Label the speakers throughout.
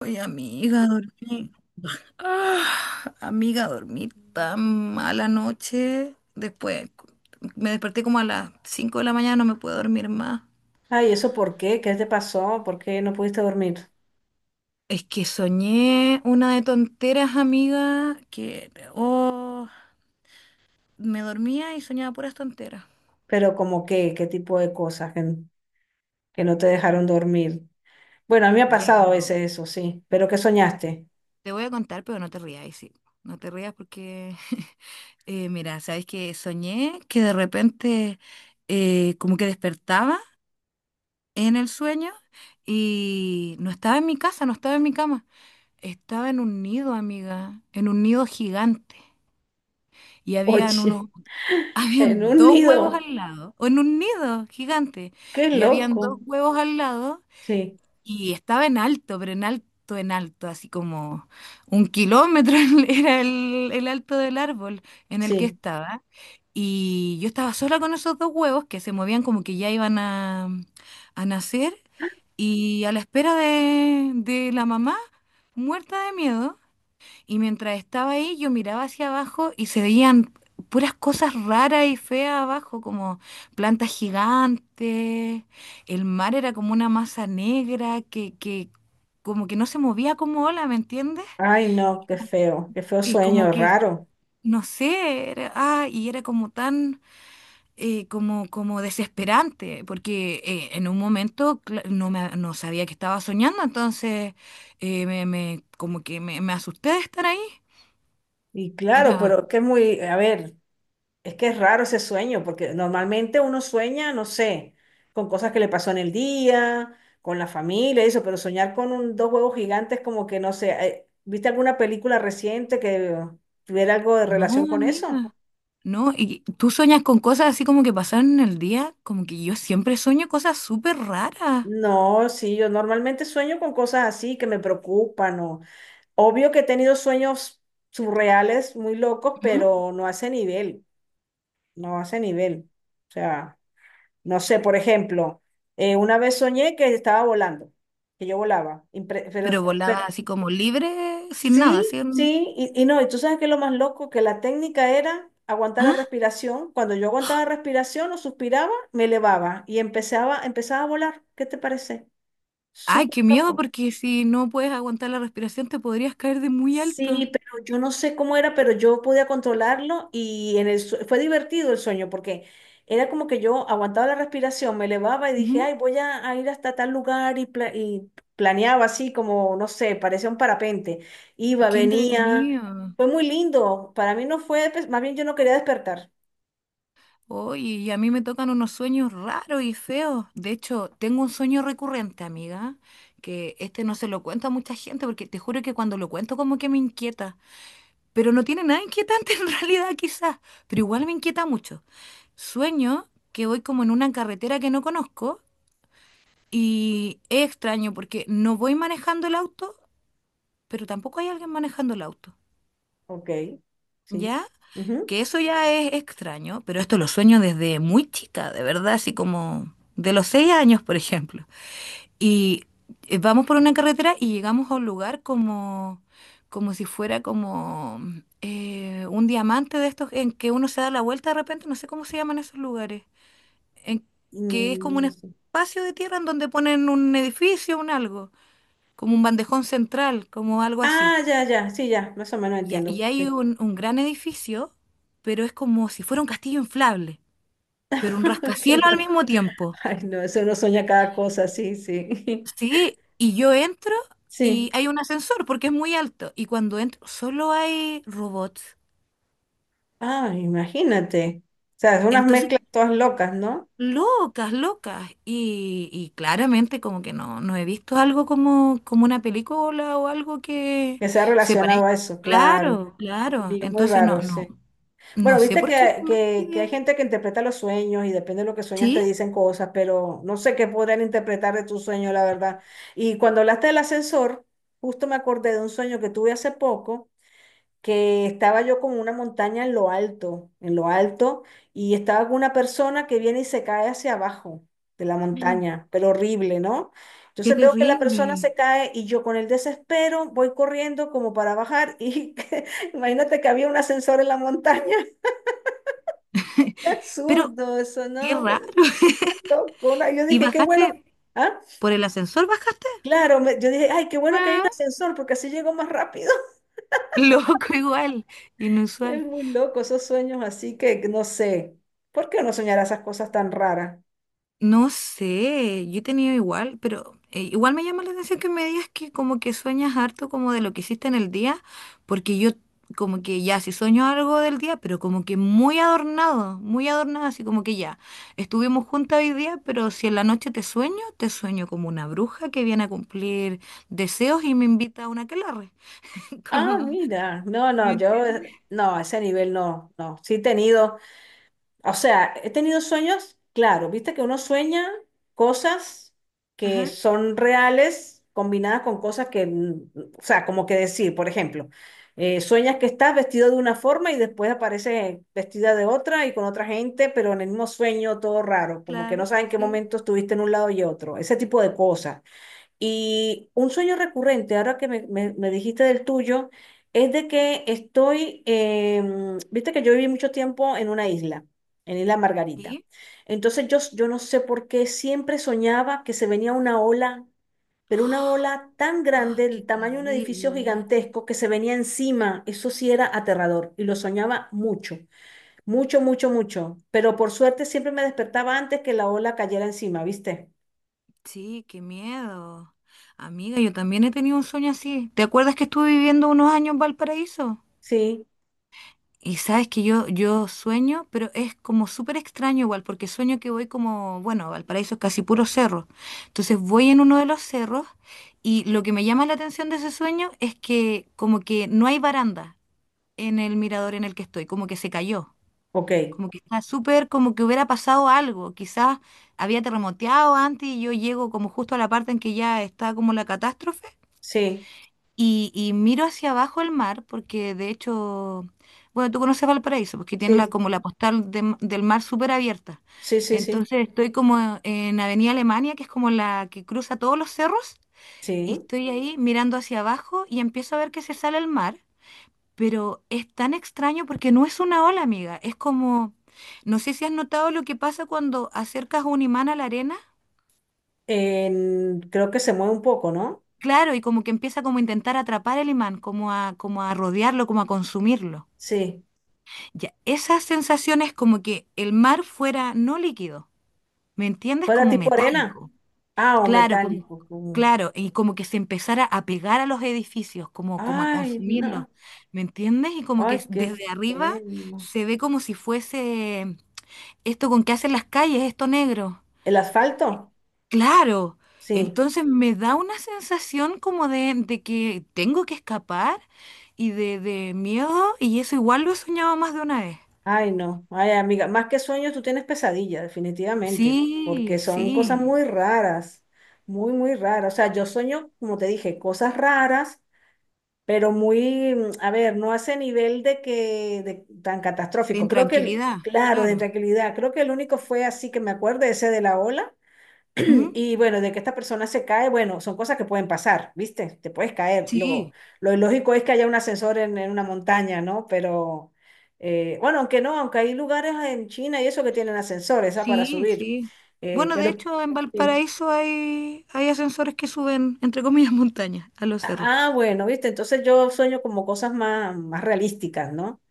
Speaker 1: Ay, amiga, dormí. Ah, amiga, dormí tan mala noche. Después me desperté como a las 5 de la mañana, no me puedo dormir más.
Speaker 2: Ay, ¿eso por qué? ¿Qué te pasó? ¿Por qué no pudiste dormir?
Speaker 1: Es que soñé una de tonteras, amiga, que oh, me dormía y soñaba puras tonteras.
Speaker 2: Pero como qué, qué tipo de cosas que no te dejaron dormir. Bueno, a mí me ha
Speaker 1: Ya,
Speaker 2: pasado a
Speaker 1: pero
Speaker 2: veces eso, sí. ¿Pero qué soñaste?
Speaker 1: te voy a contar, pero no te rías, sí. No te rías porque, mira, sabes que soñé que de repente como que despertaba en el sueño y no estaba en mi casa, no estaba en mi cama. Estaba en un nido, amiga, en un nido gigante. Y habían unos,
Speaker 2: Oye, en
Speaker 1: habían
Speaker 2: un
Speaker 1: dos huevos
Speaker 2: nido.
Speaker 1: al lado, o en un nido gigante.
Speaker 2: Qué
Speaker 1: Y habían dos
Speaker 2: loco.
Speaker 1: huevos al lado
Speaker 2: Sí,
Speaker 1: y estaba en alto, pero en alto, así como 1 km era el alto del árbol en el que
Speaker 2: sí.
Speaker 1: estaba. Y yo estaba sola con esos dos huevos que se movían como que ya iban a nacer. Y a la espera de la mamá, muerta de miedo, y mientras estaba ahí, yo miraba hacia abajo y se veían puras cosas raras y feas abajo, como plantas gigantes. El mar era como una masa negra que como que no se movía como ola, ¿me entiendes?
Speaker 2: Ay, no, qué feo
Speaker 1: Y como
Speaker 2: sueño,
Speaker 1: que,
Speaker 2: raro.
Speaker 1: no sé, y era como tan, como, como desesperante, porque en un momento no, no sabía que estaba soñando, entonces como que me asusté de estar ahí.
Speaker 2: Y claro,
Speaker 1: Era.
Speaker 2: pero que muy, a ver. Es que es raro ese sueño, porque normalmente uno sueña, no sé, con cosas que le pasó en el día, con la familia, y eso, pero soñar con dos huevos gigantes como que, no sé, ¿viste alguna película reciente que tuviera algo de relación
Speaker 1: No,
Speaker 2: con eso?
Speaker 1: amiga, no. Y tú sueñas con cosas así como que pasaron en el día, como que yo siempre sueño cosas súper raras.
Speaker 2: No, sí, yo normalmente sueño con cosas así que me preocupan o obvio que he tenido sueños surreales, muy locos,
Speaker 1: Ujú.
Speaker 2: pero no hace nivel, no hace nivel. O sea. No sé, por ejemplo, una vez soñé que estaba volando, que yo volaba,
Speaker 1: Pero volaba
Speaker 2: pero
Speaker 1: así como libre, sin nada,
Speaker 2: sí,
Speaker 1: sin...
Speaker 2: sí, y no, y tú sabes que lo más loco, que la técnica era aguantar la
Speaker 1: Ah,
Speaker 2: respiración. Cuando yo aguantaba respiración o suspiraba, me elevaba y empezaba a volar. ¿Qué te parece?
Speaker 1: ay, qué
Speaker 2: Súper
Speaker 1: miedo,
Speaker 2: loco.
Speaker 1: porque si no puedes aguantar la respiración te podrías caer de muy alto.
Speaker 2: Sí, pero yo no sé cómo era, pero yo podía controlarlo y en el fue divertido el sueño porque era como que yo aguantaba la respiración, me elevaba y dije,
Speaker 1: Ujú.
Speaker 2: ay, voy a ir hasta tal lugar y, y planeaba así como, no sé, parecía un parapente. Iba,
Speaker 1: Qué
Speaker 2: venía,
Speaker 1: entretenido.
Speaker 2: fue muy lindo. Para mí no fue, pues, más bien yo no quería despertar.
Speaker 1: Oye, y a mí me tocan unos sueños raros y feos. De hecho, tengo un sueño recurrente, amiga, que este no se lo cuento a mucha gente, porque te juro que cuando lo cuento como que me inquieta. Pero no tiene nada inquietante en realidad quizás, pero igual me inquieta mucho. Sueño que voy como en una carretera que no conozco y es extraño porque no voy manejando el auto, pero tampoco hay alguien manejando el auto,
Speaker 2: Ok, sí.
Speaker 1: ¿ya?
Speaker 2: Ujú,
Speaker 1: Que eso ya es extraño, pero esto lo sueño desde muy chica, de verdad, así como de los 6 años, por ejemplo. Y vamos por una carretera y llegamos a un lugar como, como si fuera como un diamante de estos en que uno se da la vuelta de repente, no sé cómo se llaman esos lugares, en
Speaker 2: y
Speaker 1: que es como un
Speaker 2: no sé.
Speaker 1: espacio de tierra en donde ponen un edificio, un algo, como un bandejón central, como algo así.
Speaker 2: Ah, ya, ya, sí, ya, más o menos
Speaker 1: Y,
Speaker 2: entiendo.
Speaker 1: y hay
Speaker 2: Sí.
Speaker 1: un gran edificio, pero es como si fuera un castillo inflable, pero un
Speaker 2: Qué
Speaker 1: rascacielos al
Speaker 2: loco.
Speaker 1: mismo tiempo.
Speaker 2: Ay, no, eso uno sueña cada cosa, sí, sí.
Speaker 1: Sí, y yo entro y
Speaker 2: Sí.
Speaker 1: hay un ascensor porque es muy alto. Y cuando entro, solo hay robots.
Speaker 2: Ah, imagínate. O sea, son unas
Speaker 1: Entonces,
Speaker 2: mezclas todas locas, ¿no?
Speaker 1: locas, locas. Y claramente como que no, no he visto algo como, como una película o algo que
Speaker 2: Que se ha
Speaker 1: se
Speaker 2: relacionado
Speaker 1: parezca.
Speaker 2: a eso, claro.
Speaker 1: Claro, claro.
Speaker 2: Muy muy
Speaker 1: Entonces
Speaker 2: raro,
Speaker 1: no, no,
Speaker 2: sí.
Speaker 1: no
Speaker 2: Bueno,
Speaker 1: sé
Speaker 2: viste
Speaker 1: por qué.
Speaker 2: que,
Speaker 1: Realmente.
Speaker 2: que, que hay gente que interpreta los sueños y depende de lo que sueñas te
Speaker 1: Sí.
Speaker 2: dicen cosas, pero no sé qué podrán interpretar de tu sueño, la verdad. Y cuando hablaste del ascensor, justo me acordé de un sueño que tuve hace poco, que estaba yo como una montaña en lo alto, y estaba con una persona que viene y se cae hacia abajo de la
Speaker 1: Mm.
Speaker 2: montaña, pero horrible, ¿no?
Speaker 1: Qué
Speaker 2: Entonces veo que la persona se
Speaker 1: terrible.
Speaker 2: cae y yo con el desespero voy corriendo como para bajar y imagínate que había un ascensor en la montaña. Qué
Speaker 1: Pero
Speaker 2: absurdo eso,
Speaker 1: qué
Speaker 2: ¿no? Pero,
Speaker 1: raro.
Speaker 2: loco, ¿no? Yo
Speaker 1: ¿Y
Speaker 2: dije, qué bueno.
Speaker 1: bajaste
Speaker 2: Ah,
Speaker 1: por el ascensor? ¿Bajaste?
Speaker 2: claro, yo dije, ay, qué bueno que hay un ascensor porque así llego más rápido.
Speaker 1: Loco igual,
Speaker 2: Es
Speaker 1: inusual.
Speaker 2: muy loco esos sueños, así que no sé. ¿Por qué uno soñará esas cosas tan raras?
Speaker 1: No sé, yo he tenido igual, pero igual me llama la atención que me digas que como que sueñas harto como de lo que hiciste en el día, porque yo como que ya si sueño algo del día, pero como que muy adornado, así como que ya, estuvimos juntas hoy día, pero si en la noche te sueño como una bruja que viene a cumplir deseos y me invita a una aquelarre.
Speaker 2: Ah,
Speaker 1: Como,
Speaker 2: mira, no,
Speaker 1: ¿me
Speaker 2: no, yo
Speaker 1: entiendes?
Speaker 2: no, a ese nivel no, no. Sí he tenido. O sea, he tenido sueños, claro, viste que uno sueña cosas que
Speaker 1: Ajá,
Speaker 2: son reales combinadas con cosas que, mm, o sea, como que decir, por ejemplo, sueñas que estás vestido de una forma y después apareces vestida de otra y con otra gente, pero en el mismo sueño todo raro, como que
Speaker 1: claro,
Speaker 2: no sabes en qué
Speaker 1: sí.
Speaker 2: momento estuviste en un lado y otro, ese tipo de cosas. Y un sueño recurrente, ahora que me dijiste del tuyo, es de que estoy, em, viste que yo viví mucho tiempo en una isla, en Isla Margarita.
Speaker 1: ¿Sí?
Speaker 2: Entonces yo, yo no sé por qué siempre soñaba que se venía una ola, pero una ola tan
Speaker 1: Ah,
Speaker 2: grande,
Speaker 1: qué
Speaker 2: del tamaño de un edificio
Speaker 1: terrible.
Speaker 2: gigantesco, que se venía encima. Eso sí era aterrador y lo soñaba mucho, mucho, mucho, mucho. Pero por suerte siempre me despertaba antes que la ola cayera encima, ¿viste?
Speaker 1: Sí, qué miedo. Amiga, yo también he tenido un sueño así. ¿Te acuerdas que estuve viviendo unos años en Valparaíso?
Speaker 2: Sí,
Speaker 1: Y sabes que yo sueño, pero es como súper extraño igual, porque sueño que voy como, bueno, Valparaíso es casi puro cerro. Entonces voy en uno de los cerros y lo que me llama la atención de ese sueño es que como que no hay baranda en el mirador en el que estoy, como que se cayó.
Speaker 2: ok,
Speaker 1: Como que está súper, como que hubiera pasado algo. Quizás había terremoteado antes y yo llego como justo a la parte en que ya está como la catástrofe.
Speaker 2: sí.
Speaker 1: Y miro hacia abajo el mar, porque de hecho, bueno, tú conoces Valparaíso, porque tiene la,
Speaker 2: Sí,
Speaker 1: como la postal de del mar súper abierta.
Speaker 2: sí, sí, sí,
Speaker 1: Entonces estoy como en Avenida Alemania, que es como la que cruza todos los cerros, y
Speaker 2: sí.
Speaker 1: estoy ahí mirando hacia abajo y empiezo a ver que se sale el mar. Pero es tan extraño porque no es una ola, amiga. Es como, no sé si has notado lo que pasa cuando acercas un imán a la arena.
Speaker 2: Creo que se mueve un poco, ¿no?
Speaker 1: Claro, y como que empieza como a intentar atrapar el imán, como a, como a rodearlo, como a consumirlo.
Speaker 2: Sí.
Speaker 1: Ya, esas sensaciones como que el mar fuera no líquido, ¿me entiendes?
Speaker 2: ¿Fuera
Speaker 1: Como
Speaker 2: tipo arena?
Speaker 1: metálico.
Speaker 2: Ah, o
Speaker 1: Claro, como,
Speaker 2: metálico. Como...
Speaker 1: claro, y como que se empezara a pegar a los edificios, como, como a
Speaker 2: Ay,
Speaker 1: consumirlos,
Speaker 2: no.
Speaker 1: ¿me entiendes? Y como
Speaker 2: Ay,
Speaker 1: que
Speaker 2: qué
Speaker 1: desde arriba
Speaker 2: feo.
Speaker 1: se ve como si fuese esto con qué hacen las calles, esto negro.
Speaker 2: ¿El asfalto?
Speaker 1: Claro.
Speaker 2: Sí.
Speaker 1: Entonces me da una sensación como de que tengo que escapar y de miedo, y eso igual lo he soñado más de una vez.
Speaker 2: Ay, no. Ay, amiga, más que sueños, tú tienes pesadillas, definitivamente, porque
Speaker 1: Sí,
Speaker 2: son cosas
Speaker 1: sí.
Speaker 2: muy raras, muy, muy raras. O sea, yo sueño, como te dije, cosas raras pero muy, mm, a ver, no a ese nivel de que tan
Speaker 1: De
Speaker 2: catastrófico. Creo que,
Speaker 1: intranquilidad,
Speaker 2: claro, de
Speaker 1: claro.
Speaker 2: tranquilidad, creo que el único fue así que me acuerdo, ese de la ola.
Speaker 1: Ujú.
Speaker 2: Y bueno, de que esta persona se cae, bueno, son cosas que pueden pasar, ¿viste? Te puedes caer.
Speaker 1: Sí,
Speaker 2: Lo ilógico es que haya un ascensor en una montaña, ¿no? Pero, bueno, aunque no, aunque hay lugares en China y eso que tienen ascensores, ah, para
Speaker 1: sí,
Speaker 2: subir.
Speaker 1: sí. Bueno, de
Speaker 2: Pero,
Speaker 1: hecho, en
Speaker 2: sí.
Speaker 1: Valparaíso hay, hay ascensores que suben, entre comillas, montañas a los cerros.
Speaker 2: Ah, ah, bueno, ¿viste? Entonces yo sueño como cosas más, más realísticas, ¿no?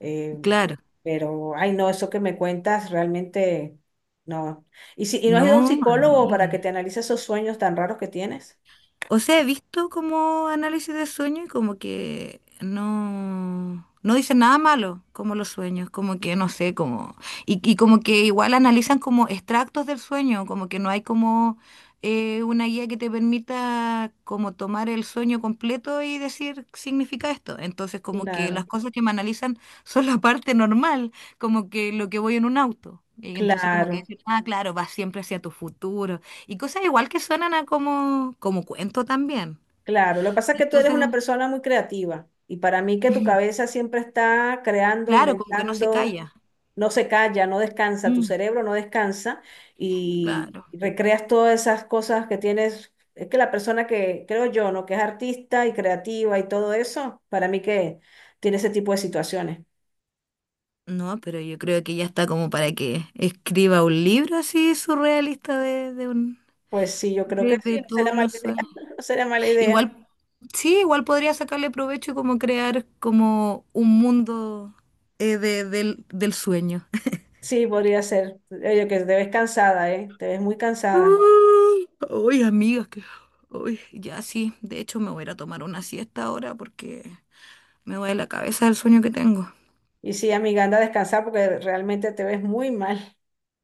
Speaker 2: Eh,
Speaker 1: Claro.
Speaker 2: pero, ay, no, eso que me cuentas realmente no. ¿Y si, y no has ido a un
Speaker 1: No,
Speaker 2: psicólogo
Speaker 1: amiga.
Speaker 2: para que te analice esos sueños tan raros que tienes?
Speaker 1: O sea, he visto como análisis de sueño y como que no, no dicen nada malo, como los sueños, como que no sé, como, y como que igual analizan como extractos del sueño, como que no hay como una guía que te permita como tomar el sueño completo y decir significa esto. Entonces,
Speaker 2: Sí.
Speaker 1: como que
Speaker 2: Claro,
Speaker 1: las cosas que me analizan son la parte normal, como que lo que voy en un auto. Y entonces como que
Speaker 2: claro.
Speaker 1: dicen, ah, claro, vas siempre hacia tu futuro y cosas igual que suenan a como, como cuento también.
Speaker 2: Claro, lo que pasa es que tú eres
Speaker 1: Entonces,
Speaker 2: una persona muy creativa y para mí que tu cabeza siempre está creando,
Speaker 1: claro, como que no se
Speaker 2: inventando,
Speaker 1: calla.
Speaker 2: no se calla, no descansa, tu
Speaker 1: Mm,
Speaker 2: cerebro no descansa y
Speaker 1: claro.
Speaker 2: recreas todas esas cosas que tienes. Es que la persona que creo yo, ¿no? Que es artista y creativa y todo eso, para mí que tiene ese tipo de situaciones.
Speaker 1: No, pero yo creo que ya está como para que escriba un libro así surrealista de un,
Speaker 2: Pues sí, yo creo que sí,
Speaker 1: de
Speaker 2: no
Speaker 1: todos
Speaker 2: sería mala
Speaker 1: los
Speaker 2: idea,
Speaker 1: sueños.
Speaker 2: no sería mala idea.
Speaker 1: Igual, sí, igual podría sacarle provecho y como crear como un mundo del sueño.
Speaker 2: Sí, podría ser. Oye, que te ves cansada, ¿eh? Te ves muy cansada.
Speaker 1: Uy, amigas, que... Uy, ya sí. De hecho, me voy a ir a tomar una siesta ahora porque me duele la cabeza del sueño que tengo.
Speaker 2: Y sí, amiga, anda a descansar porque realmente te ves muy mal.